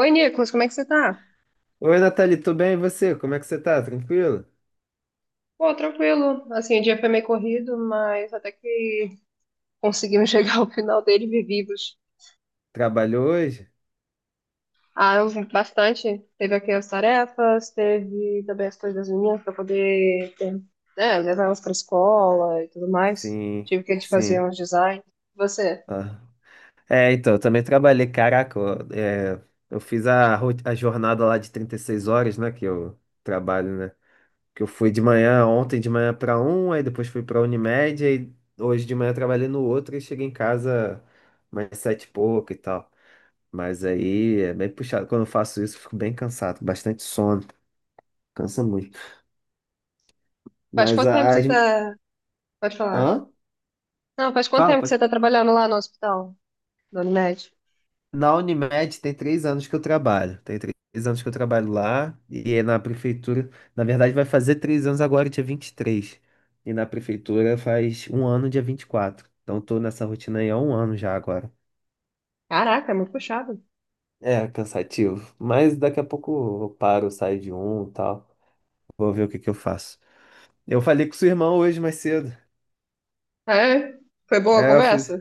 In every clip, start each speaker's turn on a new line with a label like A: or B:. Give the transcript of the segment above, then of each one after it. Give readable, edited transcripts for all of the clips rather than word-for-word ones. A: Oi, Nicolas, como é que você tá?
B: Oi, Nathalie, tudo bem? E você? Como é que você tá? Tranquilo?
A: Pô, tranquilo. Assim, o dia foi meio corrido, mas até que conseguimos chegar ao final dele vivos.
B: Trabalhou hoje?
A: Ah, eu vi bastante. Teve aqui as tarefas, teve também as coisas das meninas para poder, né, levar elas para escola e tudo mais.
B: Sim,
A: Tive que a gente fazer
B: sim.
A: uns designs. Você,
B: Ah. É, então, eu também trabalhei, caraca, eu fiz a jornada lá de 36 horas, né, que eu trabalho, né? Que eu fui de manhã, ontem de manhã pra um, aí depois fui pra Unimed, aí hoje de manhã eu trabalhei no outro e cheguei em casa mais sete e pouco e tal. Mas aí é bem puxado. Quando eu faço isso, eu fico bem cansado, bastante sono, cansa muito.
A: faz
B: Mas
A: quanto tempo
B: a-
A: você
B: as...
A: tá... Pode falar.
B: Hã?
A: Não, faz quanto
B: Fala,
A: tempo que você
B: pode.
A: tá trabalhando lá no hospital, Dona Unimed?
B: Na Unimed tem 3 anos que eu trabalho. Tem 3 anos que eu trabalho lá e é na prefeitura. Na verdade, vai fazer 3 anos agora, dia vinte e três, e na prefeitura faz um ano, dia 24. Então, tô nessa rotina aí há um ano já agora.
A: Caraca, é muito puxado.
B: É cansativo, mas daqui a pouco eu paro, saio de um e tal. Vou ver o que que eu faço. Eu falei com sua irmã hoje mais cedo.
A: É? Foi boa a
B: É, eu fiz.
A: conversa?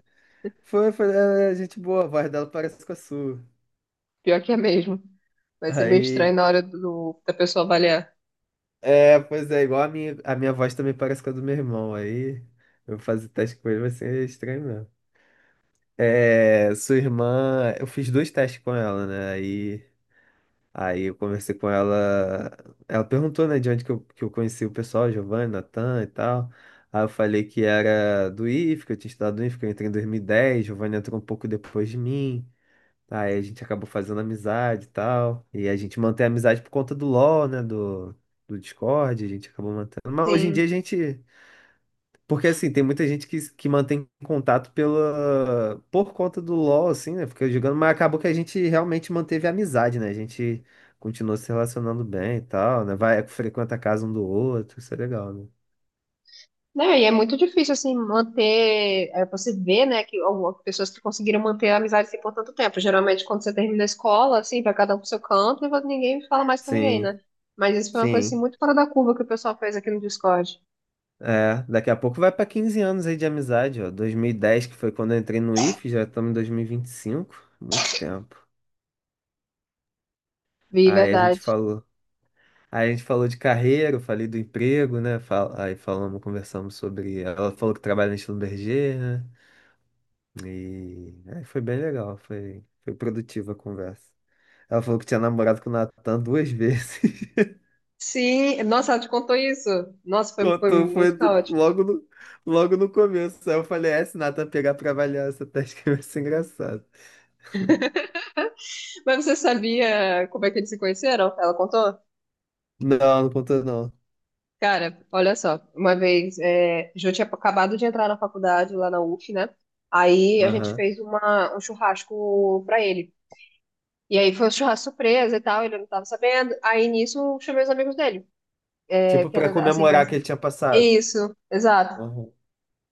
B: Foi, foi, é gente boa, a voz dela parece com a sua.
A: Pior que é mesmo. Vai ser meio estranho
B: Aí.
A: na hora da pessoa avaliar.
B: É, pois é, igual a minha voz também parece com a do meu irmão. Aí eu fazer teste com ele vai ser estranho mesmo. É, sua irmã, eu fiz dois testes com ela, né? Aí eu conversei com ela. Ela perguntou, né, de onde que eu conheci o pessoal, Giovanni, Natan e tal. Aí eu falei que era do IF, que eu tinha estudado no IF, que eu entrei em 2010. Giovanni entrou um pouco depois de mim. Aí a gente acabou fazendo amizade e tal. E a gente mantém a amizade por conta do LoL, né? Do Discord, a gente acabou mantendo. Mas hoje em
A: Sim.
B: dia a gente. Porque assim, tem muita gente que mantém contato por conta do LoL, assim, né? Fica jogando, mas acabou que a gente realmente manteve a amizade, né? A gente continuou se relacionando bem e tal, né? Vai, frequenta a casa um do outro, isso é legal, né?
A: Não, e é muito difícil, assim, manter. Você vê, né, que algumas pessoas que conseguiram manter a amizade assim, por tanto tempo. Geralmente, quando você termina a escola, assim, vai cada um pro seu canto e ninguém fala mais com ninguém,
B: Sim,
A: né? Mas isso foi uma coisa, assim,
B: sim.
A: muito fora da curva que o pessoal fez aqui no Discord.
B: É, daqui a pouco vai pra 15 anos aí de amizade, ó. 2010, que foi quando eu entrei no IF, já estamos em 2025, muito tempo.
A: Vi,
B: Aí a gente
A: verdade.
B: falou, aí a gente falou de carreira, eu falei do emprego, né? Aí falamos, conversamos sobre, ela falou que trabalha na Schlumberger, né? E aí foi bem legal, foi produtiva a conversa. Ela falou que tinha namorado com o Natan duas vezes.
A: Sim, nossa, ela te contou isso. Nossa, foi
B: Contou,
A: muito caótico.
B: logo no começo. Aí eu falei, se o Natan pegar pra avaliar essa teste que vai ser engraçado.
A: Mas você sabia como é que eles se conheceram? Ela contou?
B: Não, não contou não.
A: Cara, olha só, uma vez, Jô tinha acabado de entrar na faculdade lá na UF, né? Aí a gente
B: Aham.
A: fez um churrasco pra ele. E aí foi um churrasco surpresa e tal, ele não tava sabendo. Aí nisso eu chamei os amigos dele,
B: Tipo,
A: que
B: pra
A: era assim,
B: comemorar
A: mas.
B: que ele tinha passado.
A: Isso, exato.
B: Aham.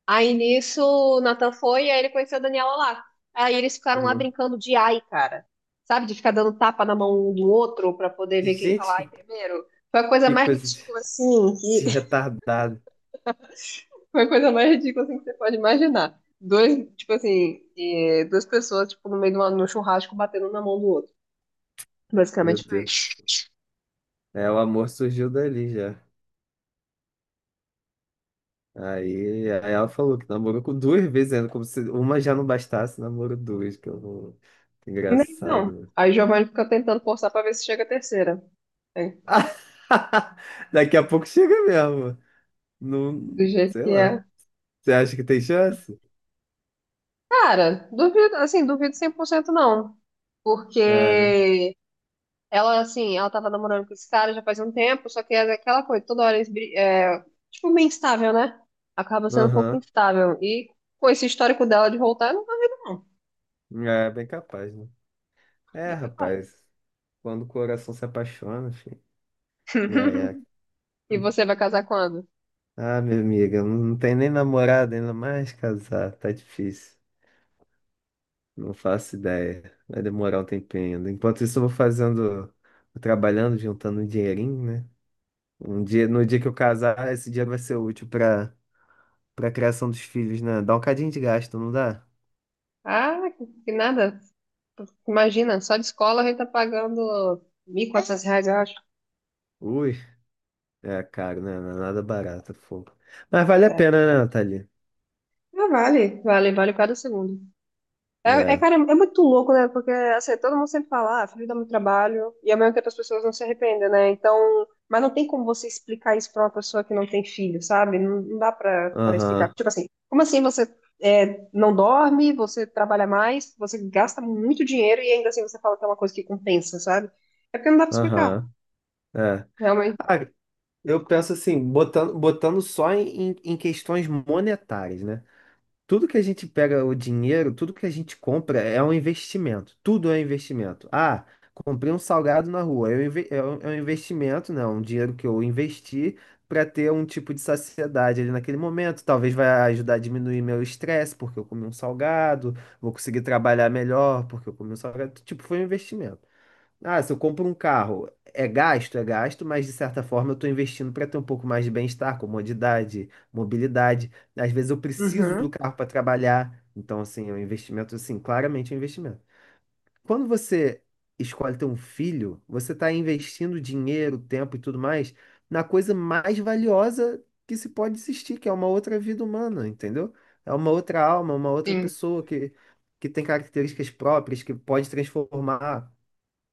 A: Aí nisso, o Nathan foi e aí ele conheceu a Daniela lá. Aí eles ficaram lá
B: Uhum.
A: brincando de ai, cara. Sabe? De ficar dando tapa na mão um do outro pra poder ver quem
B: Gente,
A: fala ai
B: que,
A: primeiro. Foi a coisa
B: que
A: mais
B: coisa de,
A: ridícula, assim, que...
B: de retardado.
A: Foi a coisa mais ridícula, assim, que você pode imaginar. Dois, tipo assim, duas pessoas, tipo, no churrasco, batendo na mão do outro.
B: Meu
A: Basicamente foi isso.
B: Deus. É, o amor surgiu dali já. Aí ela falou que namorou com duas vezes ainda, como se uma já não bastasse, namorou duas, que eu não. Que
A: Então,
B: engraçado.
A: aí o Giovanni fica tentando forçar pra ver se chega a terceira, né?
B: Daqui a pouco chega mesmo. Não,
A: Do jeito
B: sei
A: que
B: lá.
A: é.
B: Você acha que tem chance?
A: Cara, duvido, assim, duvido 100% não.
B: É, né?
A: Porque ela, assim, ela tava namorando com esse cara já faz um tempo, só que é aquela coisa, toda hora eles, tipo, meio instável, né? Acaba sendo um pouco
B: Aham.
A: instável. E com esse histórico dela de voltar, eu não duvido não.
B: É, bem capaz, né? É,
A: É capaz.
B: rapaz. Quando o coração se apaixona, filho, já é.
A: E você vai casar quando?
B: Ah, minha amiga, não não tem nem namorada, ainda mais casar, tá difícil. Não faço ideia. Vai demorar um tempinho ainda. Enquanto isso, eu vou fazendo, vou trabalhando, juntando um dinheirinho, né? Um dia, no dia que eu casar, esse dinheiro vai ser útil pra criação dos filhos, né? Dá um cadinho de gasto, não dá?
A: Ah, que nada. Imagina, só de escola a gente tá pagando R$ 1.400, eu acho.
B: Ui, é caro, né? Não é nada barato, fogo. Mas vale a
A: É.
B: pena, né, Nathalie?
A: Ah, vale, vale, vale cada segundo. É,
B: É.
A: cara, é muito louco, né? Porque assim, todo mundo sempre fala, ah, filho dá muito trabalho, e ao mesmo tempo as pessoas não se arrependem, né? Então, mas não tem como você explicar isso pra uma pessoa que não tem filho, sabe? Não, não dá pra explicar.
B: Aham,
A: Tipo assim, como assim você não dorme, você trabalha mais, você gasta muito dinheiro e ainda assim você fala que é uma coisa que compensa, sabe? É porque não dá pra explicar,
B: aham. É.
A: realmente.
B: Ah, Eu penso assim, botando só em questões monetárias, né? Tudo que a gente pega o dinheiro, tudo que a gente compra é um investimento. Tudo é um investimento. Comprei um salgado na rua. É um investimento, né? Um dinheiro que eu investi para ter um tipo de saciedade ali naquele momento. Talvez vai ajudar a diminuir meu estresse, porque eu comi um salgado. Vou conseguir trabalhar melhor, porque eu comi um salgado. Tipo, foi um investimento. Se eu compro um carro, é gasto, mas de certa forma eu estou investindo para ter um pouco mais de bem-estar, comodidade, mobilidade. Às vezes eu preciso
A: Uhum.
B: do carro para trabalhar, então assim, é um investimento, assim, claramente é um investimento. Quando você escolhe ter um filho, você está investindo dinheiro, tempo e tudo mais na coisa mais valiosa que se pode existir, que é uma outra vida humana, entendeu? É uma outra alma, uma outra
A: Sim,
B: pessoa que tem características próprias, que pode transformar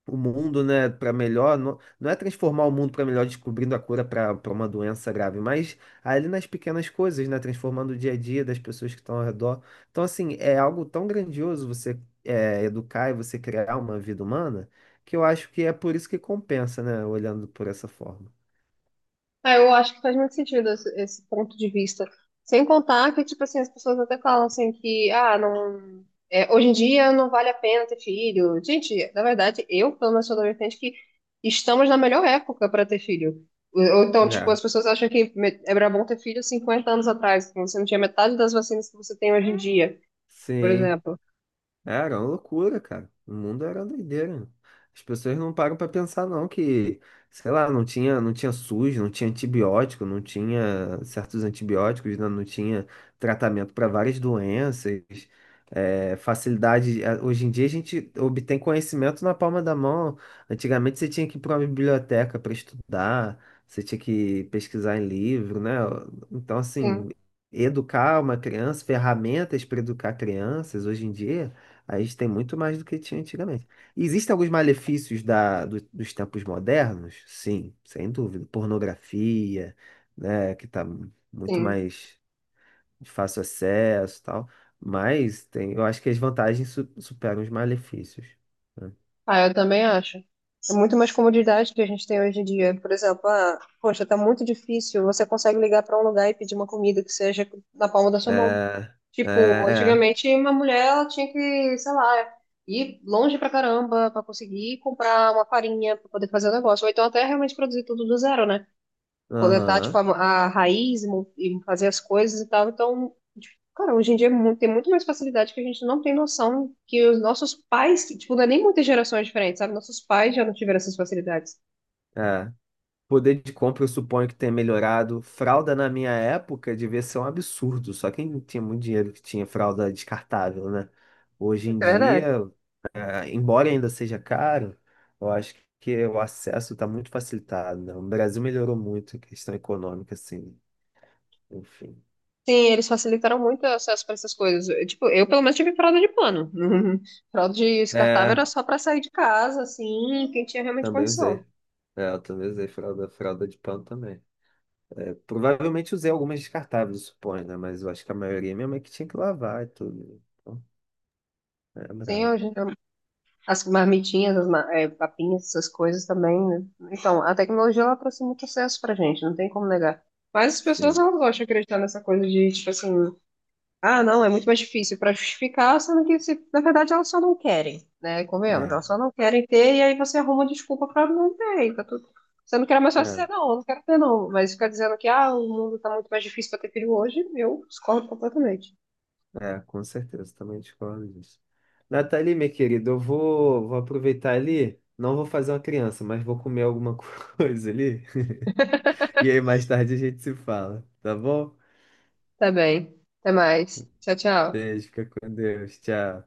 B: o mundo, né, para melhor. Não, não é transformar o mundo para melhor descobrindo a cura para uma doença grave, mas ali nas pequenas coisas, né, transformando o dia a dia das pessoas que estão ao redor. Então, assim, é algo tão grandioso você educar e você criar uma vida humana, que eu acho que é por isso que compensa, né, olhando por essa forma.
A: ah, eu acho que faz muito sentido esse ponto de vista. Sem contar que, tipo assim, as pessoas até falam assim que, ah, não, hoje em dia não vale a pena ter filho. Gente, na verdade, eu, pelo menos, sou da vertente que estamos na melhor época para ter filho. Ou então, tipo,
B: É,
A: as pessoas acham que era bom ter filho 50 anos atrás, quando você não tinha metade das vacinas que você tem hoje em dia, por
B: sim.
A: exemplo.
B: Era uma loucura, cara. O mundo era doideira. As pessoas não param pra pensar, não, que, sei lá, não tinha SUS, não tinha antibiótico, não tinha certos antibióticos, né? Não tinha tratamento para várias doenças. É, facilidade. Hoje em dia a gente obtém conhecimento na palma da mão. Antigamente você tinha que ir para uma biblioteca para estudar, você tinha que pesquisar em livro, né? Então,
A: Sim,
B: assim, educar uma criança, ferramentas para educar crianças hoje em dia. A gente tem muito mais do que tinha antigamente. Existem alguns malefícios dos tempos modernos? Sim, sem dúvida. Pornografia, né, que está muito
A: sim.
B: mais de fácil acesso e tal. Mas tem, eu acho que as vantagens superam os malefícios. Né?
A: Ah, eu também acho. É muito mais comodidade que a gente tem hoje em dia. Por exemplo, ah, poxa, tá muito difícil. Você consegue ligar para um lugar e pedir uma comida que seja na palma da sua mão.
B: É, é,
A: Tipo,
B: é.
A: antigamente uma mulher ela tinha que, sei lá, ir longe pra caramba pra conseguir comprar uma farinha pra poder fazer o negócio. Ou então até realmente produzir tudo do zero, né? Coletar, tipo,
B: Aham,
A: a raiz e fazer as coisas e tal. Então, tipo, cara, hoje em dia tem muito mais facilidade que a gente não tem noção que os nossos pais, tipo, não é nem muitas gerações diferentes, sabe? Nossos pais já não tiveram essas facilidades.
B: é. Poder de compra, eu suponho que tenha melhorado. Fralda na minha época devia ser um absurdo. Só quem tinha muito dinheiro que tinha fralda descartável, né? Hoje
A: Isso
B: em
A: é verdade.
B: dia. Ah, embora ainda seja caro, eu acho que o acesso está muito facilitado, né? O Brasil melhorou muito a questão econômica, assim, enfim.
A: Sim, eles facilitaram muito o acesso para essas coisas. Tipo, eu pelo menos tive fralda de pano. Fralda de descartável
B: É,
A: era só para sair de casa, assim, quem tinha realmente
B: também
A: condição.
B: usei. É, eu também usei fralda, fralda de pano também. É, provavelmente usei algumas descartáveis, suponho, né? Mas eu acho que a maioria minha mãe que tinha que lavar e tudo. Então, é
A: Sim,
B: brabo.
A: hoje, as marmitinhas, papinhas, essas coisas também, né? Então, a tecnologia ela trouxe muito acesso pra gente, não tem como negar. Mas as pessoas
B: Sim.
A: elas gostam de acreditar nessa coisa de, tipo assim, ah, não, é muito mais difícil pra justificar, sendo que, na verdade, elas só não querem, né? Convenhamos,
B: É,
A: elas só não querem ter, e aí você arruma desculpa pra não ter, e tá tudo. Sendo que era mais fácil
B: é,
A: dizer, não, eu não quero ter, não. Mas ficar dizendo que, ah, o mundo tá muito mais difícil pra ter filho hoje, eu discordo completamente.
B: é, com certeza, também discordo disso. Nathalie, minha querida, eu vou aproveitar ali. Não vou fazer uma criança, mas vou comer alguma coisa ali. E aí, mais tarde a gente se fala, tá bom?
A: Tá bem. Até mais. Tchau, tchau.
B: Beijo, fica com Deus. Tchau.